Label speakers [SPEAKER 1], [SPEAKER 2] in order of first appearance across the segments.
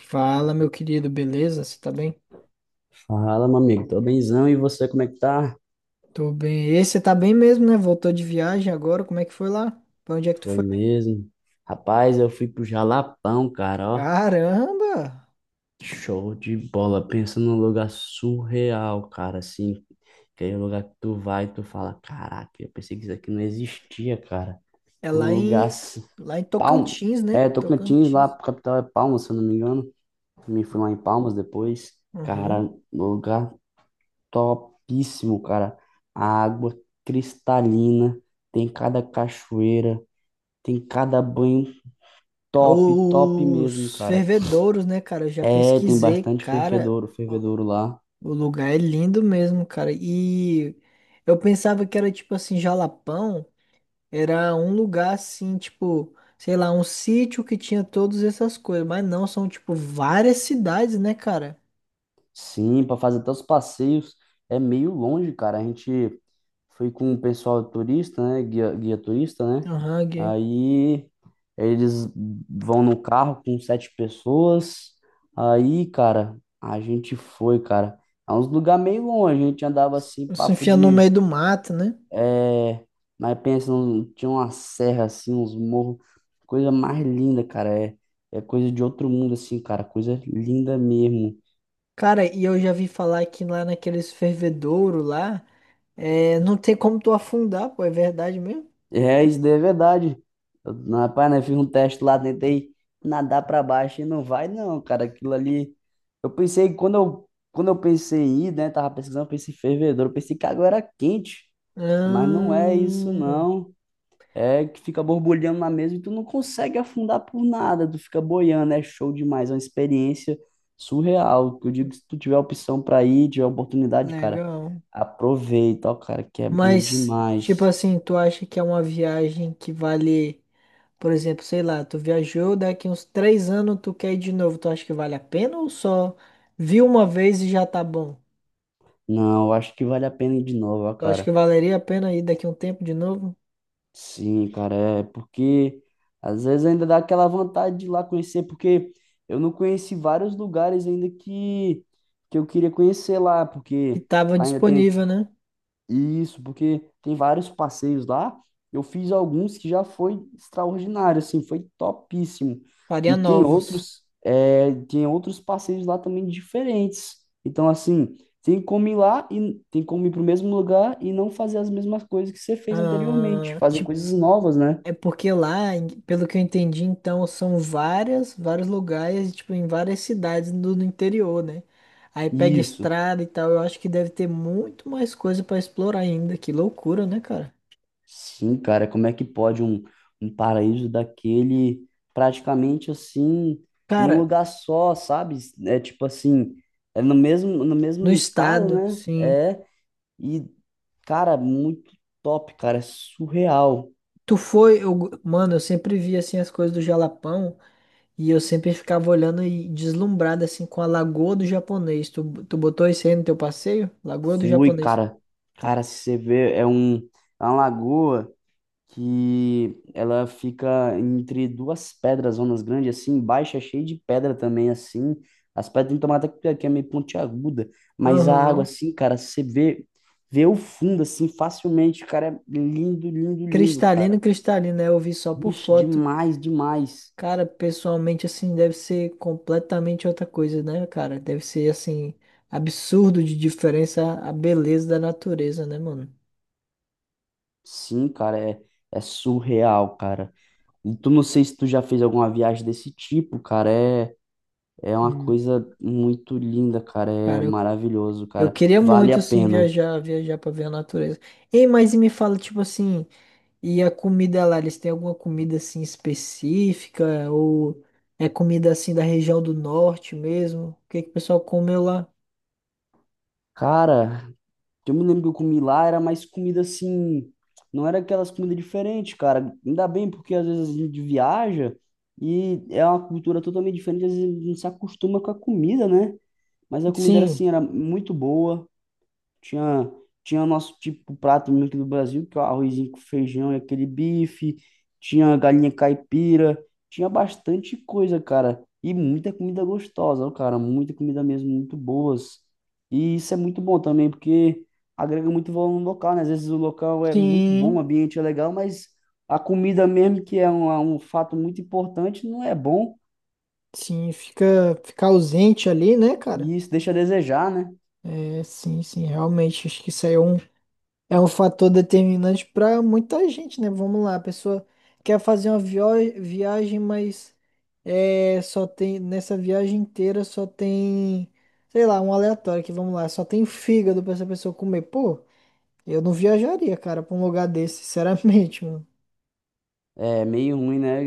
[SPEAKER 1] Fala, meu querido, beleza? Você tá bem?
[SPEAKER 2] Fala, meu amigo, tô benzão e você, como é que tá?
[SPEAKER 1] Tô bem. E você tá bem mesmo, né? Voltou de viagem agora, como é que foi lá? Pra onde é que tu
[SPEAKER 2] Foi
[SPEAKER 1] foi?
[SPEAKER 2] mesmo. Rapaz, eu fui pro Jalapão, cara, ó.
[SPEAKER 1] Caramba!
[SPEAKER 2] Show de bola. Pensa num lugar surreal, cara, assim. Aquele lugar que tu vai e tu fala, caraca, eu pensei que isso aqui não existia, cara.
[SPEAKER 1] É
[SPEAKER 2] Um lugar assim,
[SPEAKER 1] lá em
[SPEAKER 2] Palmas.
[SPEAKER 1] Tocantins, né?
[SPEAKER 2] É, Tocantins lá,
[SPEAKER 1] Tocantins.
[SPEAKER 2] capital é Palmas, se eu não me engano. Me fui lá em Palmas depois.
[SPEAKER 1] Uhum.
[SPEAKER 2] Cara, lugar topíssimo, cara. A água cristalina, tem cada cachoeira. Tem cada banho
[SPEAKER 1] É
[SPEAKER 2] top, top mesmo,
[SPEAKER 1] os
[SPEAKER 2] cara.
[SPEAKER 1] fervedouros, né, cara? Eu já
[SPEAKER 2] É, tem
[SPEAKER 1] pesquisei,
[SPEAKER 2] bastante
[SPEAKER 1] cara.
[SPEAKER 2] fervedouro,
[SPEAKER 1] O
[SPEAKER 2] fervedouro lá.
[SPEAKER 1] o lugar é lindo mesmo, cara. E eu pensava que era tipo assim, Jalapão. Era um lugar assim, tipo, sei lá, um sítio que tinha todas essas coisas. Mas não, são tipo várias cidades, né, cara?
[SPEAKER 2] Sim, para fazer até os passeios é meio longe, cara. A gente foi com o pessoal turista, né? Guia, guia turista, né?
[SPEAKER 1] Aham, Gui.
[SPEAKER 2] Aí eles vão no carro com sete pessoas. Aí, cara, a gente foi, cara. É uns lugar meio longe. A gente andava assim,
[SPEAKER 1] Se
[SPEAKER 2] papo
[SPEAKER 1] enfiando no
[SPEAKER 2] de
[SPEAKER 1] meio do mato, né?
[SPEAKER 2] É, mas pensa, tinha uma serra assim, uns morros, coisa mais linda, cara. É, é coisa de outro mundo, assim, cara. Coisa linda mesmo.
[SPEAKER 1] Cara, e eu já vi falar que lá naqueles fervedouro lá, é, não tem como tu afundar, pô, é verdade mesmo?
[SPEAKER 2] É, isso daí é verdade. Rapaz, né, fiz um teste lá, tentei nadar pra baixo e não vai, não, cara. Aquilo ali. Eu pensei, quando eu pensei em ir, né, tava pesquisando, pensei em fervedor, eu pensei que a água era quente, mas não é isso,
[SPEAKER 1] Ah,
[SPEAKER 2] não. É que fica borbulhando na mesa e tu não consegue afundar por nada, tu fica boiando, é show demais, é uma experiência surreal. Eu digo que se tu tiver opção pra ir, tiver oportunidade, cara,
[SPEAKER 1] legal.
[SPEAKER 2] aproveita, ó, cara, que é bom
[SPEAKER 1] Mas, tipo
[SPEAKER 2] demais.
[SPEAKER 1] assim, tu acha que é uma viagem que vale. Por exemplo, sei lá, tu viajou, daqui uns três anos tu quer ir de novo, tu acha que vale a pena ou só viu uma vez e já tá bom?
[SPEAKER 2] Não, eu acho que vale a pena ir de novo, ó,
[SPEAKER 1] Tu acha
[SPEAKER 2] cara.
[SPEAKER 1] que valeria a pena ir daqui um tempo de novo?
[SPEAKER 2] Sim, cara, é porque às vezes ainda dá aquela vontade de ir lá conhecer, porque eu não conheci vários lugares ainda que eu queria conhecer lá,
[SPEAKER 1] Que
[SPEAKER 2] porque
[SPEAKER 1] tava
[SPEAKER 2] ainda tem
[SPEAKER 1] disponível, né?
[SPEAKER 2] Isso, porque tem vários passeios lá. Eu fiz alguns que já foi extraordinário, assim, foi topíssimo. E
[SPEAKER 1] Faria
[SPEAKER 2] tem
[SPEAKER 1] novos.
[SPEAKER 2] outros, é, tem outros passeios lá também diferentes. Então, assim, tem como ir lá e tem como ir para o mesmo lugar e não fazer as mesmas coisas que você fez anteriormente,
[SPEAKER 1] Ah,
[SPEAKER 2] fazer
[SPEAKER 1] tipo,
[SPEAKER 2] coisas novas, né?
[SPEAKER 1] é porque lá, em- pelo que eu entendi, então, são várias, vários lugares, tipo, em várias cidades do interior, né? Aí pega
[SPEAKER 2] Isso.
[SPEAKER 1] estrada e tal, eu acho que deve ter muito mais coisa pra explorar ainda. Que loucura, né, cara?
[SPEAKER 2] Sim, cara, como é que pode um, um paraíso daquele praticamente assim, num
[SPEAKER 1] Cara,
[SPEAKER 2] lugar só, sabe? É tipo assim, é no mesmo, no
[SPEAKER 1] no
[SPEAKER 2] mesmo estado,
[SPEAKER 1] estado,
[SPEAKER 2] né?
[SPEAKER 1] sim.
[SPEAKER 2] É, e, cara, muito top, cara, é surreal.
[SPEAKER 1] Tu foi, eu- mano, eu sempre via assim as coisas do Jalapão e eu sempre ficava olhando e deslumbrado assim com a Lagoa do Japonês. Tu botou isso aí no teu passeio? Lagoa do
[SPEAKER 2] Fui,
[SPEAKER 1] Japonês.
[SPEAKER 2] cara, cara, se você vê, é um, é uma lagoa que ela fica entre duas pedras, zonas grandes, assim, baixa, cheia de pedra também, assim. As pedras tem tomada que é meio pontiaguda, mas a água,
[SPEAKER 1] Aham.
[SPEAKER 2] assim, cara, você vê, vê o fundo, assim, facilmente, cara, é lindo, lindo, lindo,
[SPEAKER 1] Cristalino,
[SPEAKER 2] cara.
[SPEAKER 1] cristalino, né? Eu vi só por
[SPEAKER 2] Ixi,
[SPEAKER 1] foto.
[SPEAKER 2] demais, demais.
[SPEAKER 1] Cara, pessoalmente assim deve ser completamente outra coisa, né, cara? Deve ser assim absurdo de diferença a beleza da natureza, né, mano?
[SPEAKER 2] Sim, cara, é, é surreal, cara. E tu não sei se tu já fez alguma viagem desse tipo, cara, é, é uma
[SPEAKER 1] Hum.
[SPEAKER 2] coisa muito linda, cara, é
[SPEAKER 1] Cara, eu,
[SPEAKER 2] maravilhoso,
[SPEAKER 1] eu
[SPEAKER 2] cara,
[SPEAKER 1] queria
[SPEAKER 2] vale
[SPEAKER 1] muito
[SPEAKER 2] a
[SPEAKER 1] assim
[SPEAKER 2] pena.
[SPEAKER 1] viajar, viajar pra ver a natureza. Ei, mas e me fala tipo assim, e a comida lá, eles têm alguma comida assim específica? Ou é comida assim da região do norte mesmo? O que que o pessoal comeu lá?
[SPEAKER 2] Cara, que eu me lembro que eu comi lá era mais comida assim, não era aquelas comidas diferentes, cara. Ainda bem porque às vezes a gente viaja e é uma cultura totalmente diferente, às vezes a gente não se acostuma com a comida, né? Mas a comida era
[SPEAKER 1] Sim,
[SPEAKER 2] assim, era muito boa. Tinha, tinha nosso tipo prato mesmo aqui do Brasil, que é o arrozinho com feijão e aquele bife. Tinha galinha caipira. Tinha bastante coisa, cara. E muita comida gostosa, ó, cara. Muita comida mesmo, muito boas. E isso é muito bom também, porque agrega muito valor no local, né? Às vezes o local é muito bom, o
[SPEAKER 1] sim,
[SPEAKER 2] ambiente é legal, mas a comida mesmo, que é um, um fato muito importante, não é bom.
[SPEAKER 1] sim, fica, fica ausente ali, né, cara?
[SPEAKER 2] E isso deixa a desejar, né?
[SPEAKER 1] É, sim, sim, realmente, acho que isso aí é um. É um fator determinante para muita gente, né? Vamos lá, a pessoa quer fazer uma viagem, mas é, só tem nessa viagem inteira só tem, sei lá, um aleatório que vamos lá, só tem fígado para essa pessoa comer. Pô, eu não viajaria, cara, para um lugar desse, sinceramente, mano.
[SPEAKER 2] É meio ruim, né?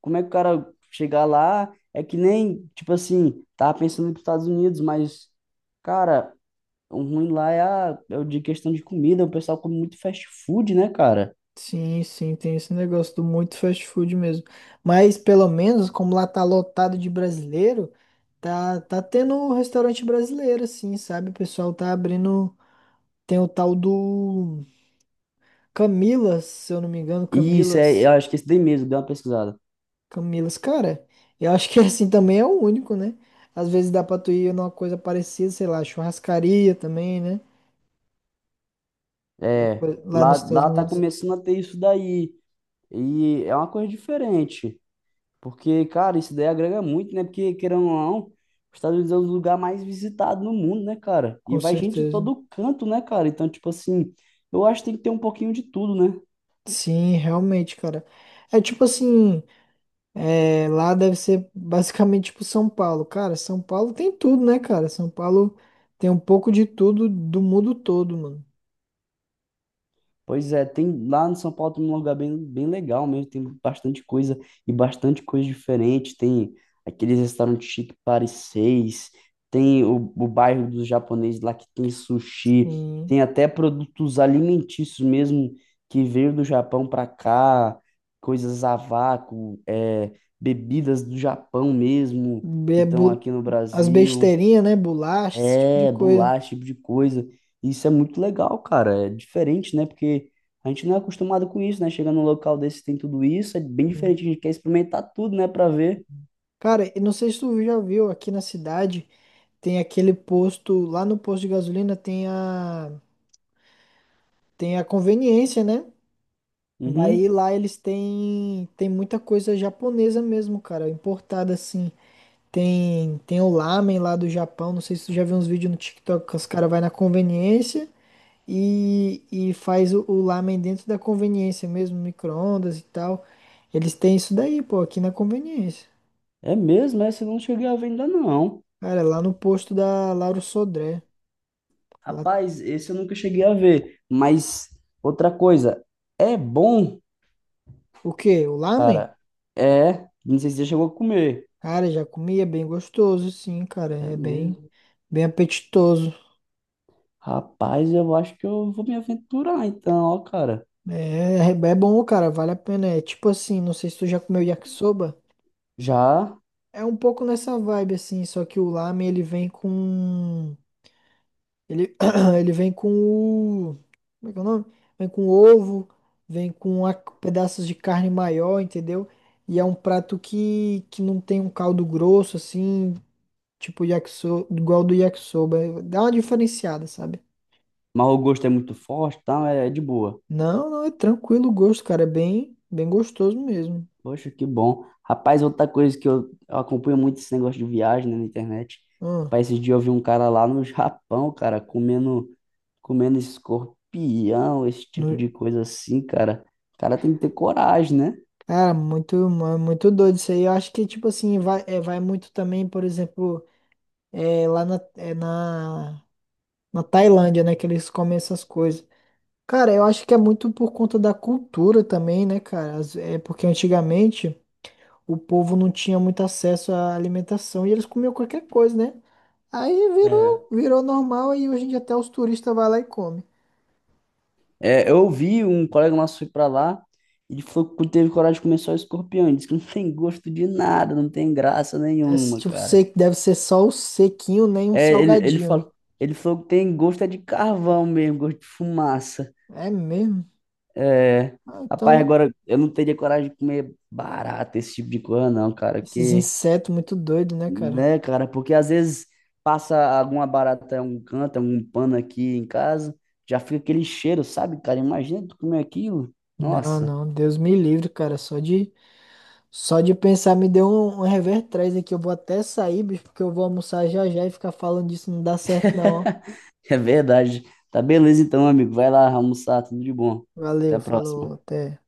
[SPEAKER 2] Como é que o cara chegar lá é que nem, tipo assim, tava pensando nos Estados Unidos, mas, cara, o ruim lá é, a, é o de questão de comida, o pessoal come muito fast food, né, cara?
[SPEAKER 1] Sim, sim, tem esse negócio do muito fast food mesmo. Mas pelo menos, como lá tá lotado de brasileiro, tá tendo um restaurante brasileiro, assim, sabe? O pessoal tá abrindo. Tem o tal do Camilas, se eu não me engano,
[SPEAKER 2] E isso é, eu
[SPEAKER 1] Camilas.
[SPEAKER 2] acho que esse daí mesmo, deu uma pesquisada.
[SPEAKER 1] Camilas, cara, eu acho que assim também é o único, né? Às vezes dá pra tu ir numa coisa parecida, sei lá, churrascaria também, né?
[SPEAKER 2] É,
[SPEAKER 1] Depois- lá
[SPEAKER 2] lá,
[SPEAKER 1] nos Estados
[SPEAKER 2] lá tá
[SPEAKER 1] Unidos,
[SPEAKER 2] começando a ter isso daí. E é uma coisa diferente. Porque, cara, isso daí agrega muito, né? Porque, querendo ou não, os Estados Unidos é o lugar mais visitado no mundo, né, cara? E
[SPEAKER 1] com
[SPEAKER 2] vai gente de
[SPEAKER 1] certeza.
[SPEAKER 2] todo canto, né, cara? Então, tipo assim, eu acho que tem que ter um pouquinho de tudo, né?
[SPEAKER 1] Sim, realmente, cara. É tipo assim, é, lá deve ser basicamente tipo São Paulo. Cara, São Paulo tem tudo, né, cara? São Paulo tem um pouco de tudo do mundo todo, mano.
[SPEAKER 2] Pois é, tem lá no São Paulo tem um lugar bem, bem legal mesmo, tem bastante coisa e bastante coisa diferente. Tem aqueles restaurantes chique Paris 6, tem o bairro dos japoneses lá que tem sushi,
[SPEAKER 1] Sim.
[SPEAKER 2] tem até produtos alimentícios mesmo que veio do Japão para cá, coisas a vácuo, é, bebidas do Japão mesmo que
[SPEAKER 1] Be-
[SPEAKER 2] estão
[SPEAKER 1] bu-
[SPEAKER 2] aqui no
[SPEAKER 1] As
[SPEAKER 2] Brasil.
[SPEAKER 1] besteirinhas, né? Bolachas, esse tipo de
[SPEAKER 2] É,
[SPEAKER 1] coisa.
[SPEAKER 2] bolacha, esse tipo de coisa. Isso é muito legal, cara. É diferente, né? Porque a gente não é acostumado com isso, né? Chega num local desse tem tudo isso, é bem
[SPEAKER 1] Hum.
[SPEAKER 2] diferente. A gente quer experimentar tudo, né? Pra ver.
[SPEAKER 1] Cara, eu não sei se tu já viu, aqui na cidade tem aquele posto, lá no posto de gasolina tem a, tem a conveniência, né? Daí
[SPEAKER 2] Uhum.
[SPEAKER 1] lá eles têm, tem muita coisa japonesa mesmo, cara, importada assim. Tem, tem o lamen lá do Japão, não sei se tu já viu uns vídeos no TikTok que os caras vai na conveniência. E faz o lamen dentro da conveniência mesmo, micro-ondas e tal. Eles têm isso daí, pô, aqui na conveniência.
[SPEAKER 2] É mesmo, essa eu não cheguei a ver ainda não.
[SPEAKER 1] Cara, lá no posto da Lauro Sodré. Lá-
[SPEAKER 2] Rapaz, esse eu nunca cheguei a ver. Mas outra coisa, é bom,
[SPEAKER 1] o quê? O lamen?
[SPEAKER 2] cara. É, não sei se você chegou a comer.
[SPEAKER 1] Cara, já comia bem gostoso, sim, cara.
[SPEAKER 2] É
[SPEAKER 1] É bem,
[SPEAKER 2] mesmo.
[SPEAKER 1] bem apetitoso.
[SPEAKER 2] Rapaz, eu acho que eu vou me aventurar então, ó, cara.
[SPEAKER 1] É, é bom, cara, vale a pena. É tipo assim, não sei se tu já comeu yakisoba.
[SPEAKER 2] Já,
[SPEAKER 1] É um pouco nessa vibe, assim, só que o lamen ele vem com. Ele, ele vem com o. Como é que é o nome? Vem com ovo, vem com pedaços de carne maior, entendeu? E é um prato que não tem um caldo grosso, assim, tipo yakisoba, igual do yakisoba. Dá uma diferenciada, sabe?
[SPEAKER 2] mas o gosto é muito forte, tá? É de boa.
[SPEAKER 1] Não, não, é tranquilo o gosto, cara. É bem, bem gostoso mesmo.
[SPEAKER 2] Poxa, que bom. Rapaz, outra coisa que eu acompanho muito esse negócio de viagem, né, na internet.
[SPEAKER 1] Hum,
[SPEAKER 2] Rapaz, esses dias eu vi um cara lá no Japão, cara, comendo, comendo escorpião, esse tipo
[SPEAKER 1] no-
[SPEAKER 2] de coisa assim, cara. O cara tem que ter coragem, né?
[SPEAKER 1] cara, muito, muito doido isso aí. Eu acho que, tipo assim, vai, é, vai muito também, por exemplo, é, lá na, é na, na Tailândia, né? Que eles comem essas coisas. Cara, eu acho que é muito por conta da cultura também, né, cara? É porque antigamente o povo não tinha muito acesso à alimentação e eles comiam qualquer coisa, né? Aí
[SPEAKER 2] É.
[SPEAKER 1] virou, virou normal e hoje em dia até os turistas vão lá e comem.
[SPEAKER 2] É, eu vi um colega nosso foi pra lá, ele falou que teve coragem de comer só escorpião. Ele disse que não tem gosto de nada, não tem graça
[SPEAKER 1] É,
[SPEAKER 2] nenhuma,
[SPEAKER 1] tipo,
[SPEAKER 2] cara.
[SPEAKER 1] sei deve ser só o sequinho, nem um
[SPEAKER 2] É, ele
[SPEAKER 1] salgadinho.
[SPEAKER 2] falou, ele falou que tem gosto é de carvão mesmo, gosto de fumaça.
[SPEAKER 1] É mesmo?
[SPEAKER 2] É,
[SPEAKER 1] Ah,
[SPEAKER 2] rapaz,
[SPEAKER 1] então,
[SPEAKER 2] agora eu não teria coragem de comer barata, esse tipo de coisa, não, cara.
[SPEAKER 1] esses
[SPEAKER 2] Que,
[SPEAKER 1] insetos muito doidos, né, cara?
[SPEAKER 2] né, cara? Porque às vezes passa alguma barata em um canto, algum pano aqui em casa, já fica aquele cheiro, sabe, cara? Imagina tu comer aquilo.
[SPEAKER 1] Não,
[SPEAKER 2] Nossa,
[SPEAKER 1] não, Deus me livre, cara, só de só de pensar me deu um, um revertério aqui. Eu vou até sair, bicho, porque eu vou almoçar já já e ficar falando disso não dá certo, não. Ó.
[SPEAKER 2] é verdade. Tá beleza então, amigo. Vai lá almoçar, tudo de bom. Até
[SPEAKER 1] Valeu,
[SPEAKER 2] a
[SPEAKER 1] falou,
[SPEAKER 2] próxima.
[SPEAKER 1] até.